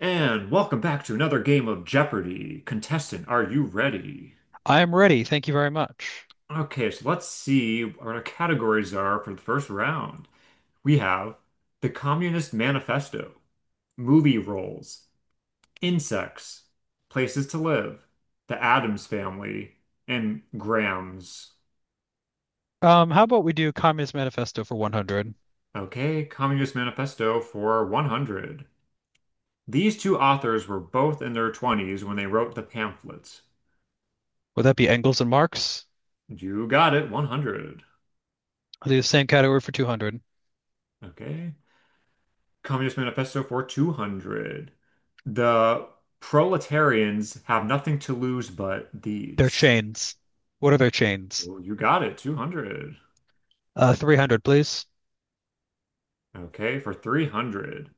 And welcome back to another game of Jeopardy! Contestant, are you ready? I am ready. Thank you very much. Okay, so let's see what our categories are for the first round. We have the Communist Manifesto, movie roles, insects, places to live, the Addams Family, and Grams. How about we do Communist Manifesto for 100? Okay, Communist Manifesto for 100. These two authors were both in their 20s when they wrote the pamphlets. Would that be Engels and Marx? You got it, 100. I'll do the same category for 200. Okay. Communist Manifesto for 200. The proletarians have nothing to lose but Their these. chains. What are their chains? Oh, you got it, 200. 300, please. Okay, for 300.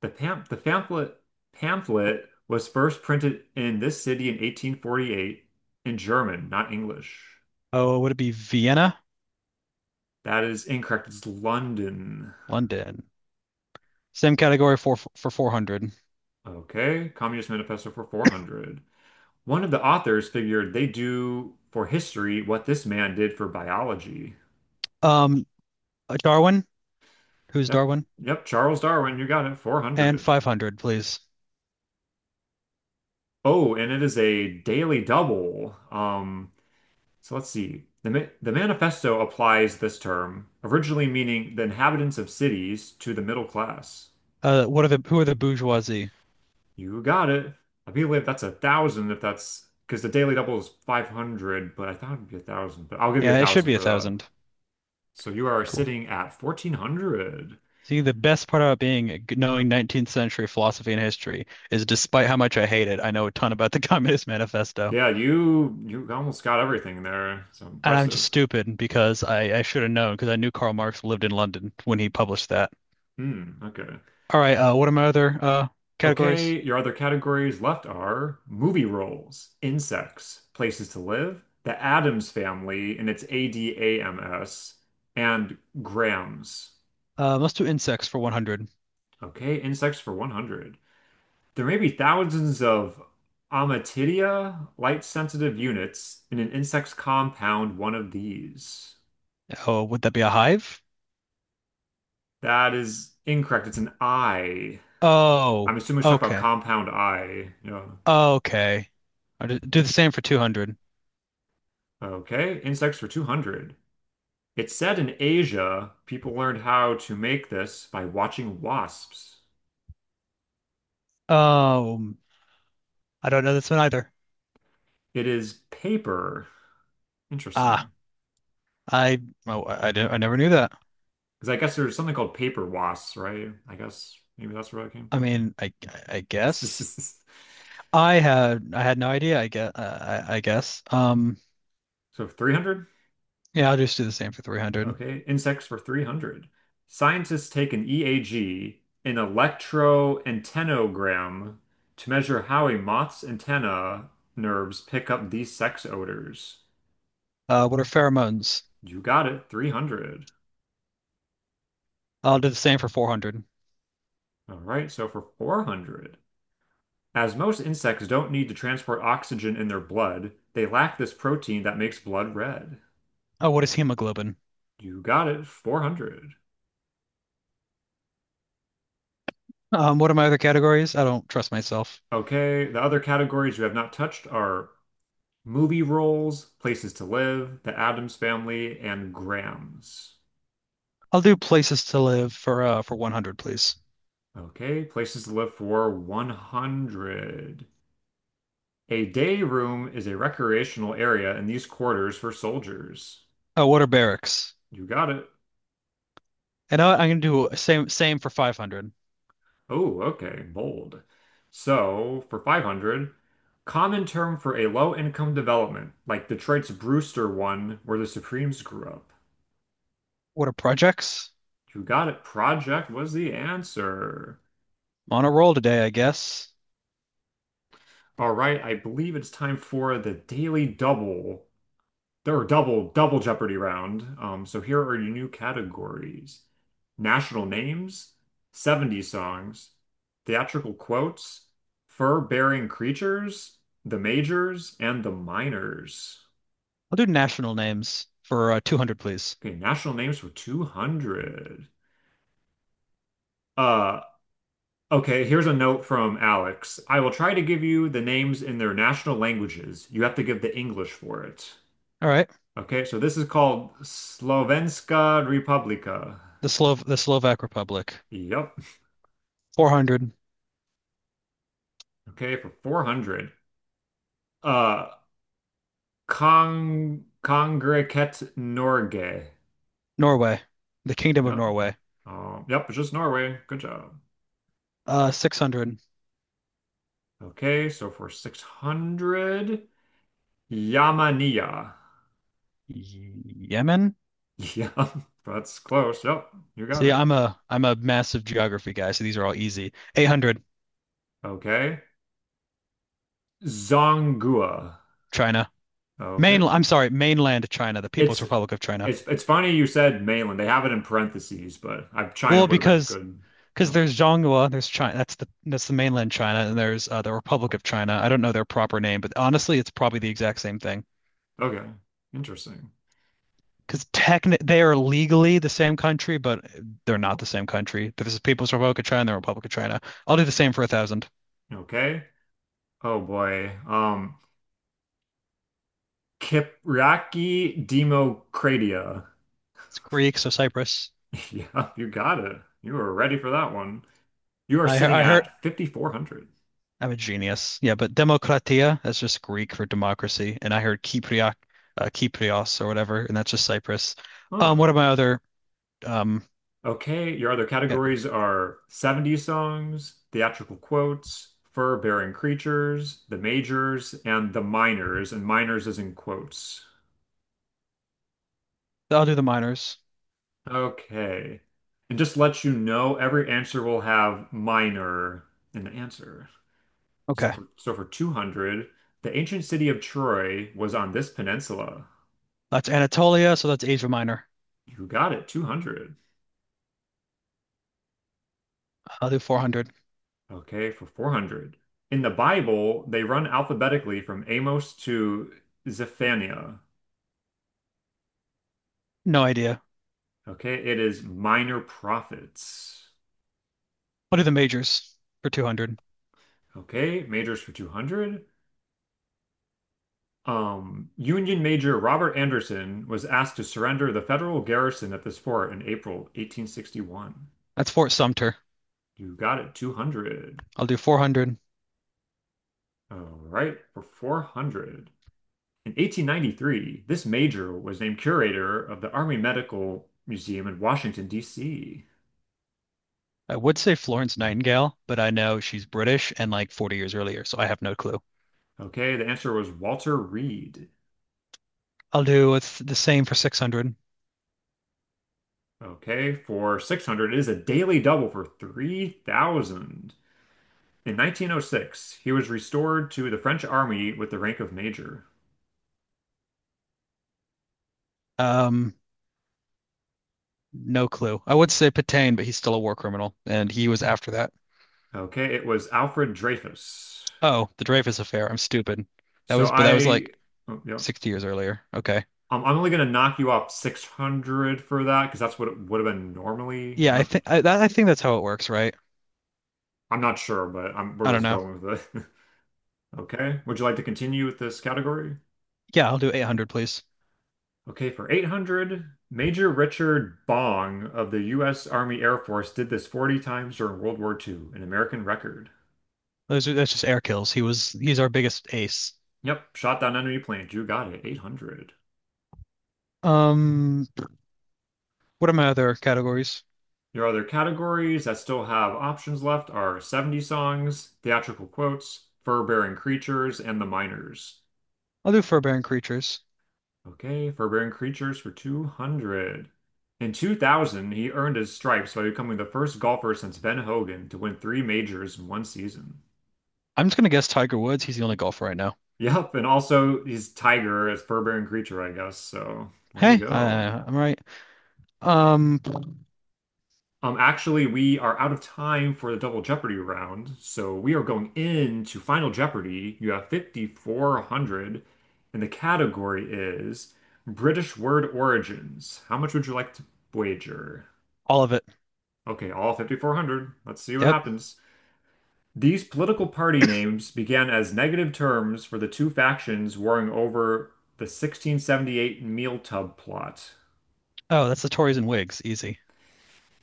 The pamphlet was first printed in this city in 1848 in German, not English. Oh, would it be Vienna? That is incorrect. It's London. London. Same category for 400. Okay, Communist Manifesto for 400. One of the authors figured they do for history what this man did for biology. Um, Darwin. Who's Yep. Darwin? Yep. Charles Darwin, you got it. And 400. 500, please. Oh, and it is a daily double. So let's see. The manifesto applies this term, originally meaning the inhabitants of cities, to the middle class. What are the who are the bourgeoisie? You got it. I believe that's a thousand if that's because the daily double is 500, but I thought it'd be a thousand, but I'll give you a Yeah, it should thousand be a for that. thousand. So you are Cool. sitting at 1,400. See, the best part about being knowing 19th century philosophy and history is despite how much I hate it, I know a ton about the Communist Manifesto. Yeah, you almost got everything there. So And I'm just impressive. stupid because I should have known because I knew Karl Marx lived in London when he published that. Hmm, okay. All right, what are my other categories? Okay, your other categories left are movie roles, insects, places to live, the Addams family, and it's Adams, and grams. Let's do insects for 100. Okay, insects for 100. There may be thousands of Amatidia, light-sensitive units, in an insect's compound, one of these. Oh, would that be a hive? That is incorrect. It's an I. Oh, I'm assuming it's talking about okay. compound I. Yeah. Okay. Do the same for 200. Okay, insects for 200. It said in Asia, people learned how to make this by watching wasps. Um, I don't know this one either. It is paper. Interesting. Ah, I, I never knew that. Because I guess there's something called paper wasps, right? I guess maybe that's where that came I from. mean, I guess I had no idea. I guess. So 300? Yeah, I'll just do the same for 300. Okay. Insects for 300. Scientists take an EAG, an electroantennogram, to measure how a moth's antenna nerves pick up these sex odors. What are pheromones? You got it, 300. I'll do the same for 400. All right, so for 400. As most insects don't need to transport oxygen in their blood, they lack this protein that makes blood red. Oh, what is hemoglobin? You got it, 400. What are my other categories? I don't trust myself. Okay, the other categories you have not touched are movie roles, places to live, the Addams family, and grams. I'll do places to live for for 100, please. Okay, places to live for 100. A day room is a recreational area in these quarters for soldiers. Oh, what are barracks? You got it. I'm gonna do same for 500. Oh, okay, bold. So, for 500, common term for a low-income development, like Detroit's Brewster one, where the Supremes grew up. What are projects? You got it. Project was the answer. I'm on a roll today, I guess. All right, I believe it's time for the Daily Double. There were double Jeopardy round. So here are your new categories: national names, 70s songs, theatrical quotes, fur-bearing creatures, the majors, and the minors. I'll do national names for 200, please. Okay, national names for 200. Uh, okay, here's a note from Alex. I will try to give you the names in their national languages. You have to give the English for it. All right. Okay, so this is called Slovenska Republika. The Slovak Republic. Yep. 400. Okay, for 400. Uh, Kongregate Norge. Norway, the Kingdom of Yep. Norway. Yep, it's just Norway. Good job. 600. Okay, so for 600, Yamania. Yemen? Yeah, that's close. Yep, you got See, it. I'm a massive geography guy, so these are all easy. 800, Okay. Zongua. China. Okay. I'm sorry, mainland China, the People's It's Republic of China. it's funny you said mainland. They have it in parentheses, but I China Well, would have been because good. because No. there's Zhonghua, there's China, that's the mainland China, and there's the Republic of China. I don't know their proper name, but honestly, it's probably the exact same thing. Okay. Interesting. Because technically, they are legally the same country, but they're not the same country. There's the People's Republic of China and the Republic of China. I'll do the same for 1,000. Okay. Oh boy. Kypriaki Democratia. It's Greek, so Cyprus. Yeah, you got it. You were ready for that one. You are sitting I heard at 5,400. I'm a genius. Yeah, but demokratia, that's just Greek for democracy, and I heard Kypriak, Kyprios or whatever, and that's just Cyprus. Huh. What are my other um Okay, your other categories categories? are 70s songs, theatrical quotes, fur-bearing creatures, the majors, and the minors, and minors is in quotes. I'll do the minors. Okay. And just let you know, every answer will have minor in the answer. So Okay, for so for 200, the ancient city of Troy was on this peninsula. that's Anatolia, so that's Asia Minor. You got it, 200. I'll do 400. Okay, for 400. In the Bible, they run alphabetically from Amos to Zephaniah. No idea. Okay, it is minor prophets. I'll do the majors for 200. Okay, majors for 200. Union Major Robert Anderson was asked to surrender the federal garrison at this fort in April 1861. That's Fort Sumter. You got it, 200. I'll do 400. All right, for 400. In 1893, this major was named curator of the Army Medical Museum in Washington, D.C. I would say Florence Nightingale, but I know she's British and like 40 years earlier, so I have no clue. Okay, the answer was Walter Reed. I'll do it's the same for 600. Okay, for 600, it is a daily double for 3,000. In 1906, he was restored to the French army with the rank of major. Um, No clue. I would say Petain, but he's still a war criminal, and he was after that. Okay, it was Alfred Dreyfus. Oh, the Dreyfus Affair. I'm stupid. So But that was I, like oh, yeah, 60 years earlier. Okay. I'm only going to knock you off 600 for that because that's what it would have been normally. I'm Yeah, I not, think I think that's how it works, right? I'm not sure, but I we're don't just know. going with it. Okay. Would you like to continue with this category? Yeah, I'll do 800, please. Okay, for 800, Major Richard Bong of the U.S. Army Air Force did this 40 times during World War II, an American record. Those are that's just air kills. He's our biggest ace. Yep, shot down enemy planes. You got it. 800. Um, what are my other categories? Your other categories that still have options left are 70 songs, theatrical quotes, fur-bearing creatures, and the miners. I'll do fur-bearing creatures. Okay, Forbearing Creatures for 200. In 2000, he earned his stripes by becoming the first golfer since Ben Hogan to win three majors in one season. I'm just gonna guess Tiger Woods. He's the only golfer right now. Yep, and also he's Tiger as Forbearing Creature, I guess. So there you Hey, I, go. I'm right. Um, Actually, we are out of time for the Double Jeopardy round, so we are going into Final Jeopardy. You have 5,400, and the category is British word origins. How much would you like to wager? all of it. Okay, all 5,400. Let's see what Yep. happens. These political party names began as negative terms for the two factions warring over the 1678 meal tub plot. Oh, that's the Tories and Whigs. Easy.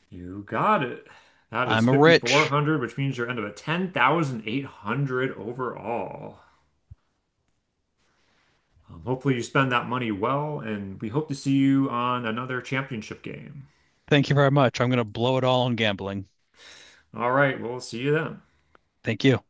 You got it. That is I'm a rich. 5,400, which means you're end up at 10,800 overall. Hopefully, you spend that money well, and we hope to see you on another championship game. Thank you very much. I'm going to blow it all on gambling. All right, we'll see you then. Thank you.